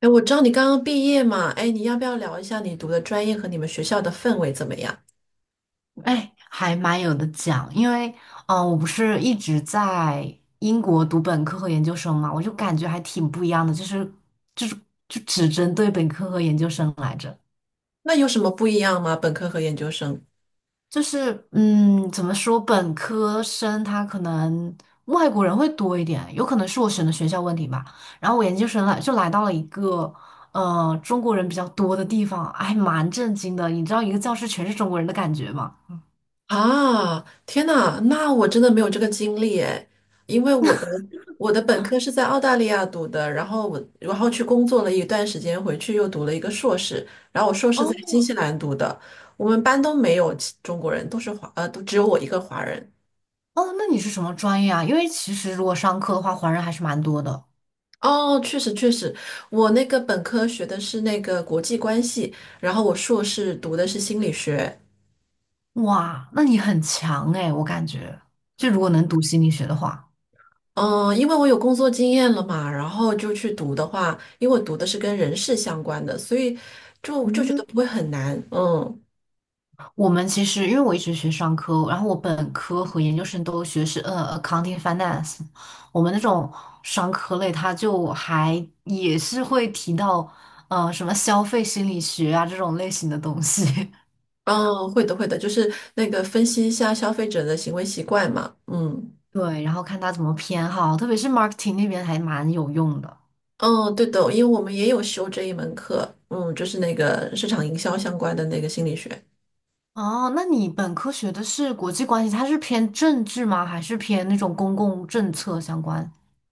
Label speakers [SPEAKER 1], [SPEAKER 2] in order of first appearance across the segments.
[SPEAKER 1] 哎，我知道你刚刚毕业嘛。哎，你要不要聊一下你读的专业和你们学校的氛围怎么样？
[SPEAKER 2] 哎，还蛮有的讲，因为我不是一直在英国读本科和研究生嘛，我就感觉还挺不一样的，就是就只针对本科和研究生来着，
[SPEAKER 1] 那有什么不一样吗？本科和研究生？
[SPEAKER 2] 就是怎么说，本科生他可能外国人会多一点，有可能是我选的学校问题吧，然后我研究生来就来到了一个中国人比较多的地方，还蛮震惊的。你知道一个教室全是中国人的感觉吗？
[SPEAKER 1] 啊，天呐，那我真的没有这个经历诶，因为我的本科是在澳大利亚读的，然后我去工作了一段时间，回去又读了一个硕士，然后我硕士在
[SPEAKER 2] 哦。
[SPEAKER 1] 新西兰读的。我们班都没有其中国人，都是华，都只有我一个华人。
[SPEAKER 2] 哦，那你是什么专业啊？因为其实如果商科的话，华人还是蛮多的。
[SPEAKER 1] 哦，确实确实。我那个本科学的是那个国际关系，然后我硕士读的是心理学。
[SPEAKER 2] 哇，那你很强哎，我感觉，就如果能读心理学的话。
[SPEAKER 1] 嗯，因为我有工作经验了嘛，然后就去读的话，因为我读的是跟人事相关的，所以就觉得
[SPEAKER 2] 嗯，
[SPEAKER 1] 不会很难。嗯。
[SPEAKER 2] 我们其实因为我一直学商科，然后我本科和研究生都学是accounting finance，我们那种商科类，它就还也是会提到什么消费心理学啊这种类型的东西。
[SPEAKER 1] 哦，会的会的，就是那个分析一下消费者的行为习惯嘛。嗯。
[SPEAKER 2] 对，然后看他怎么偏好，特别是 marketing 那边还蛮有用的。
[SPEAKER 1] 嗯，对的，因为我们也有修这一门课，嗯，就是那个市场营销相关的那个心理学。
[SPEAKER 2] 哦，那你本科学的是国际关系，它是偏政治吗？还是偏那种公共政策相关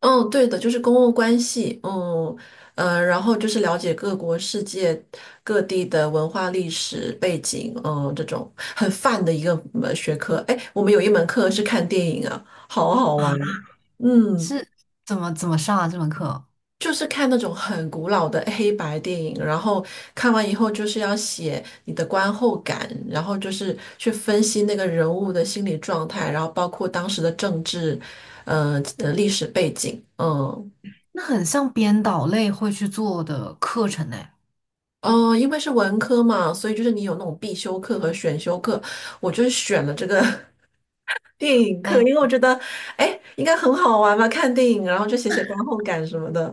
[SPEAKER 1] 嗯，对的，就是公共关系，嗯，然后就是了解各国世界各地的文化历史背景，嗯，这种很泛的一个学科。哎，我们有一门课是看电影啊，好好玩。
[SPEAKER 2] 啊？
[SPEAKER 1] 嗯，
[SPEAKER 2] 是怎么上啊这门课？
[SPEAKER 1] 就是看那种很古老的黑白电影，然后看完以后就是要写你的观后感，然后就是去分析那个人物的心理状态，然后包括当时的政治，历史背景，嗯。
[SPEAKER 2] 那很像编导类会去做的课程呢。
[SPEAKER 1] 嗯，因为是文科嘛，所以就是你有那种必修课和选修课，我就是选了这个 电影课。
[SPEAKER 2] 哎，
[SPEAKER 1] 因为我觉得，哎，应该很好玩吧，看电影，然后就写写观后感什么的，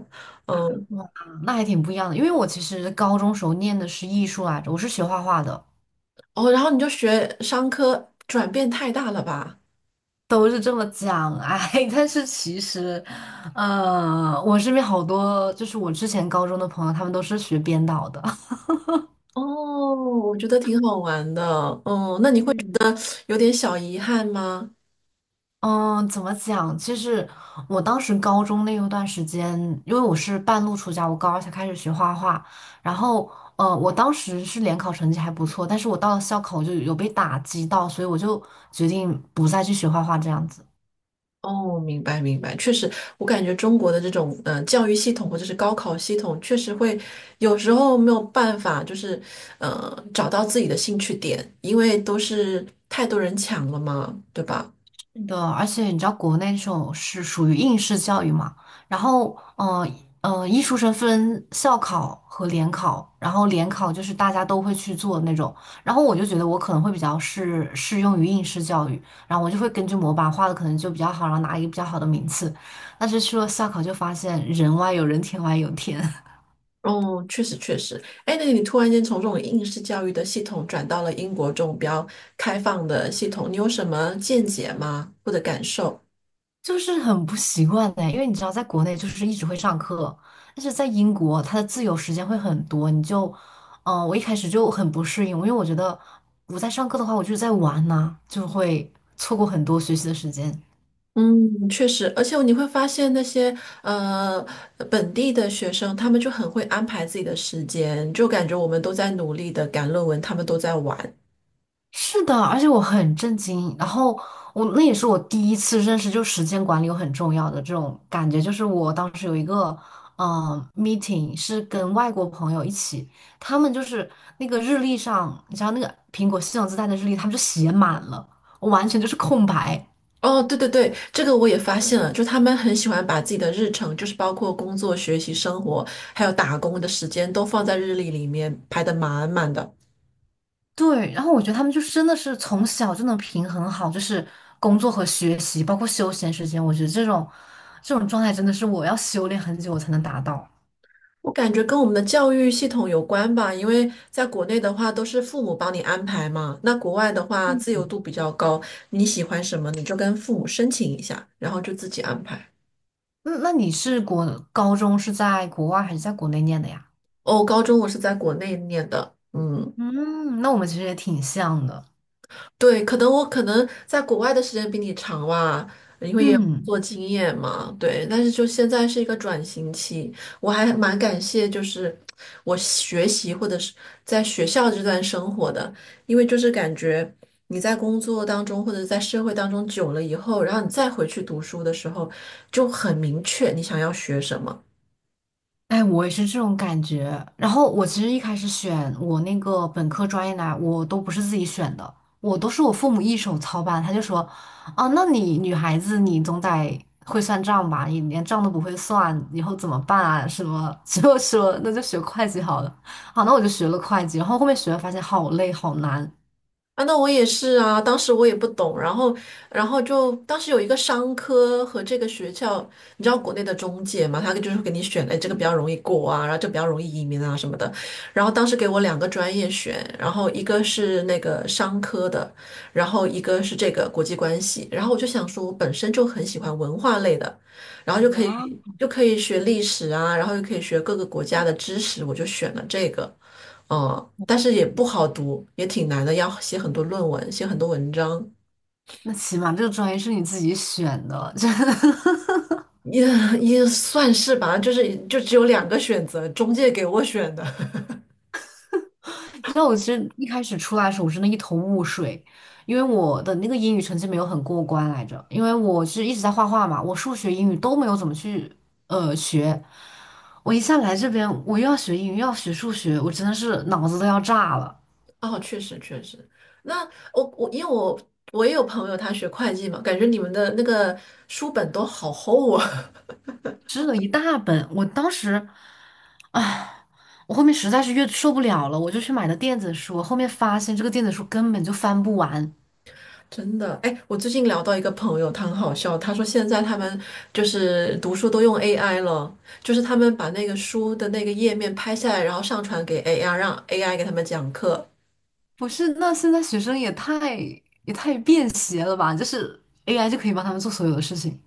[SPEAKER 1] 嗯。
[SPEAKER 2] 哇，那还挺不一样的。因为我其实高中时候念的是艺术来着，我是学画画的，
[SPEAKER 1] 哦，然后你就学商科，转变太大了吧？
[SPEAKER 2] 都是这么讲。哎，但是其实，我身边好多就是我之前高中的朋友，他们都是学编导的。
[SPEAKER 1] 哦，我觉得挺好玩的，嗯。那 你会
[SPEAKER 2] 嗯。
[SPEAKER 1] 有点小遗憾吗？
[SPEAKER 2] 嗯，怎么讲？其实我当时高中那一段时间，因为我是半路出家，我高二才开始学画画。然后，我当时是联考成绩还不错，但是我到了校考我就有被打击到，所以我就决定不再去学画画这样子。
[SPEAKER 1] 哦，明白明白，确实。我感觉中国的这种教育系统或者是高考系统，确实会有时候没有办法，就是找到自己的兴趣点，因为都是太多人抢了嘛，对吧？
[SPEAKER 2] 是的，而且你知道国内这种是属于应试教育嘛，然后，艺术生分校考和联考，然后联考就是大家都会去做的那种，然后我就觉得我可能会比较适用于应试教育，然后我就会根据模板画的可能就比较好，然后拿一个比较好的名次，但是去了校考就发现人外有人，天外有天。
[SPEAKER 1] 哦，确实确实。哎，那你突然间从这种应试教育的系统转到了英国这种比较开放的系统，你有什么见解吗？或者感受？
[SPEAKER 2] 就是很不习惯的，因为你知道，在国内就是一直会上课，但是在英国，它的自由时间会很多，你就，我一开始就很不适应，因为我觉得我在上课的话，我就是在玩呐，就会错过很多学习的时间。
[SPEAKER 1] 嗯，确实，而且你会发现那些呃本地的学生，他们就很会安排自己的时间，就感觉我们都在努力的赶论文，他们都在玩。
[SPEAKER 2] 是的，而且我很震惊。然后我那也是我第一次认识，就时间管理有很重要的这种感觉。就是我当时有一个meeting 是跟外国朋友一起，他们就是那个日历上，你知道那个苹果系统自带的日历，他们就写满了，我完全就是空白。
[SPEAKER 1] 哦，对对对，这个我也发现了，就他们很喜欢把自己的日程，就是包括工作、学习、生活，还有打工的时间，都放在日历里面排的满满的。
[SPEAKER 2] 对，然后我觉得他们就是真的是从小就能平衡好，就是工作和学习，包括休闲时间。我觉得这种状态真的是我要修炼很久我才能达到。
[SPEAKER 1] 我感觉跟我们的教育系统有关吧，因为在国内的话都是父母帮你安排嘛，那国外的话自由度比较高，你喜欢什么你就跟父母申请一下，然后就自己安排。
[SPEAKER 2] 那那你是国高中是在国外还是在国内念的呀？
[SPEAKER 1] 哦，高中我是在国内念的，嗯。
[SPEAKER 2] 嗯，那我们其实也挺像的。
[SPEAKER 1] 对，可能我可能在国外的时间比你长吧，因为也有工
[SPEAKER 2] 嗯，
[SPEAKER 1] 作经验嘛。对，但是就现在是一个转型期。我还蛮感谢，就是我学习或者是在学校这段生活的，因为就是感觉你在工作当中或者在社会当中久了以后，然后你再回去读书的时候，就很明确你想要学什么。
[SPEAKER 2] 哎，我也是这种感觉。然后我其实一开始选我那个本科专业呢，我都不是自己选的，我都是我父母一手操办。他就说，啊，那你女孩子你总得会算账吧？你连账都不会算，以后怎么办啊？什么？就说那就学会计好了。好，那我就学了会计，然后后面学了发现好累好难。
[SPEAKER 1] 啊，那我也是啊，当时我也不懂，然后，然后就当时有一个商科和这个学校，你知道国内的中介嘛，他就是给你选，哎，这个比
[SPEAKER 2] 嗯
[SPEAKER 1] 较容易过啊，然后就比较容易移民啊什么的。然后当时给我两个专业选，然后一个是那个商科的，然后一个是这个国际关系。然后我就想说，我本身就很喜欢文化类的，然后就可以
[SPEAKER 2] 啊，
[SPEAKER 1] 就可以学历史啊，然后又可以学各个国家的知识，我就选了这个。哦，但是也不好读，也挺难的，要写很多论文，写很多文章。
[SPEAKER 2] 那起码这个专业是你自己选的，真的。
[SPEAKER 1] 也也算是吧，就是就只有两个选择，中介给我选的。
[SPEAKER 2] 你知道我其实一开始出来的时候，我真的一头雾水，因为我的那个英语成绩没有很过关来着，因为我是一直在画画嘛，我数学、英语都没有怎么去学。我一下来这边，我又要学英语，又要学数学，我真的是脑子都要炸了，
[SPEAKER 1] 哦，确实确实。那我我因为我我也有朋友他学会计嘛，感觉你们的那个书本都好厚啊。
[SPEAKER 2] 吃了一大本。我当时，唉，我后面实在是越受不了了，我就去买了电子书，后面发现这个电子书根本就翻不完。
[SPEAKER 1] 真的。哎，我最近聊到一个朋友，他很好笑，他说现在他们就是读书都用 AI 了，就是他们把那个书的那个页面拍下来，然后上传给 AI，让 AI 给他们讲课。
[SPEAKER 2] 不是，那现在学生也太便携了吧？就是 AI 就可以帮他们做所有的事情。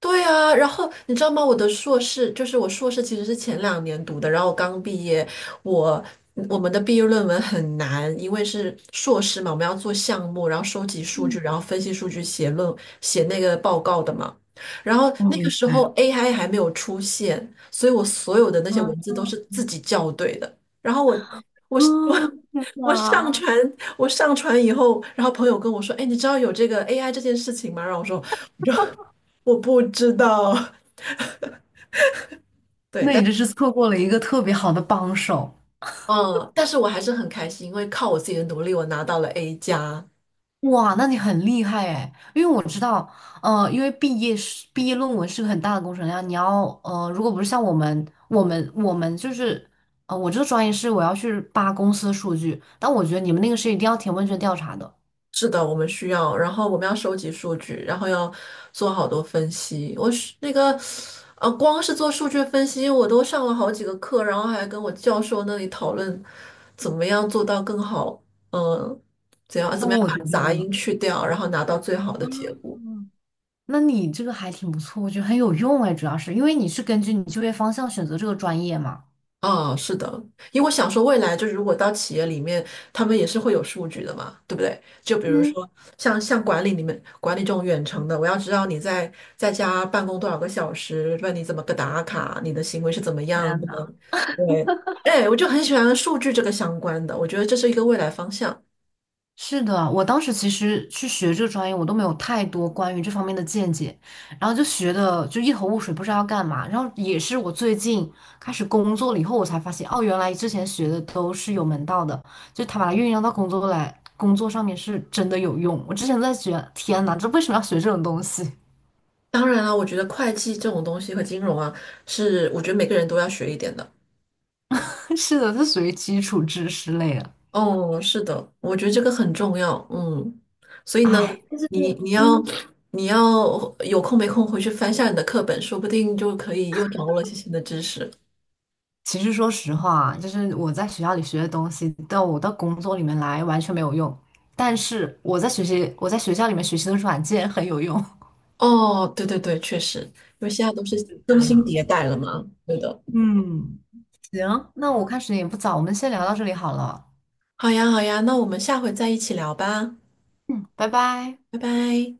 [SPEAKER 1] 对啊，然后你知道吗？我的硕士其实是前两年读的，然后我刚毕业。我我们的毕业论文很难，因为是硕士嘛，我们要做项目，然后收集数据，然后分析数据写那个报告的嘛。然后那个
[SPEAKER 2] 嗯，
[SPEAKER 1] 时候 AI 还没有出现，所以我所有的那些文字都是自己校对的。然后我
[SPEAKER 2] 嗯
[SPEAKER 1] 我上
[SPEAKER 2] 啊，
[SPEAKER 1] 传我上传以后，然后朋友跟我说：“哎，你知道有这个 AI 这件事情吗？”然后我说，我不知道。对，
[SPEAKER 2] 那
[SPEAKER 1] 但
[SPEAKER 2] 你这是错过了一个特别好的帮手。
[SPEAKER 1] 嗯，但是我还是很开心，因为靠我自己的努力，我拿到了 A 加。
[SPEAKER 2] 哇，那你很厉害哎，因为我知道，因为毕业论文是个很大的工程量，你要如果不是像我们就是，我这个专业是我要去扒公司的数据，但我觉得你们那个是一定要填问卷调查的，
[SPEAKER 1] 是的，我们需要，然后我们要收集数据，然后要做好多分析。我是那个，呃，光是做数据分析，我都上了好几个课，然后还跟我教授那里讨论怎么样做到更好，嗯，怎样
[SPEAKER 2] 那
[SPEAKER 1] 怎么样
[SPEAKER 2] 我觉
[SPEAKER 1] 把杂音
[SPEAKER 2] 得。
[SPEAKER 1] 去掉，然后拿到最好的结果。
[SPEAKER 2] 那你这个还挺不错，我觉得很有用哎，主要是因为你是根据你就业方向选择这个专业嘛。
[SPEAKER 1] 啊，是的，因为我想说，未来就如果到企业里面，他们也是会有数据的嘛，对不对？就比如
[SPEAKER 2] 嗯，
[SPEAKER 1] 说像管理这种远程的，我要知道你在在家办公多少个小时，问你怎么个打卡，你的行为是怎么样
[SPEAKER 2] 天
[SPEAKER 1] 的。
[SPEAKER 2] 呐，
[SPEAKER 1] 对，哎，我就很喜欢数据这个相关的，我觉得这是一个未来方向。
[SPEAKER 2] 是的，我当时其实去学这个专业，我都没有太多关于这方面的见解，然后就学的就一头雾水，不知道要干嘛。然后也是我最近开始工作了以后，我才发现，哦，原来之前学的都是有门道的，就他把它运用到工作来，工作上面是真的有用。我之前在学，天呐，这为什么要学这种东西？
[SPEAKER 1] 当然了，我觉得会计这种东西和金融啊，是我觉得每个人都要学一点的。
[SPEAKER 2] 是的，它属于基础知识类的。
[SPEAKER 1] 哦，是的，我觉得这个很重要，嗯。所以呢，
[SPEAKER 2] 哎，
[SPEAKER 1] 你你要
[SPEAKER 2] 嗯。
[SPEAKER 1] 你要有空没空回去翻下你的课本，说不定就可以又掌握了一些新的知识。
[SPEAKER 2] 其实说实话，就是我在学校里学的东西，到我到工作里面来完全没有用。但是我在学习，我在学校里面学习的软件很有用。
[SPEAKER 1] 哦，对对对，确实，因为现在都是更
[SPEAKER 2] 对
[SPEAKER 1] 新
[SPEAKER 2] 呀，
[SPEAKER 1] 迭代了嘛，对的。
[SPEAKER 2] 嗯，行，那我看时间也不早，我们先聊到这里好了，
[SPEAKER 1] 好呀，好呀，那我们下回再一起聊吧。
[SPEAKER 2] 拜拜。
[SPEAKER 1] 拜拜。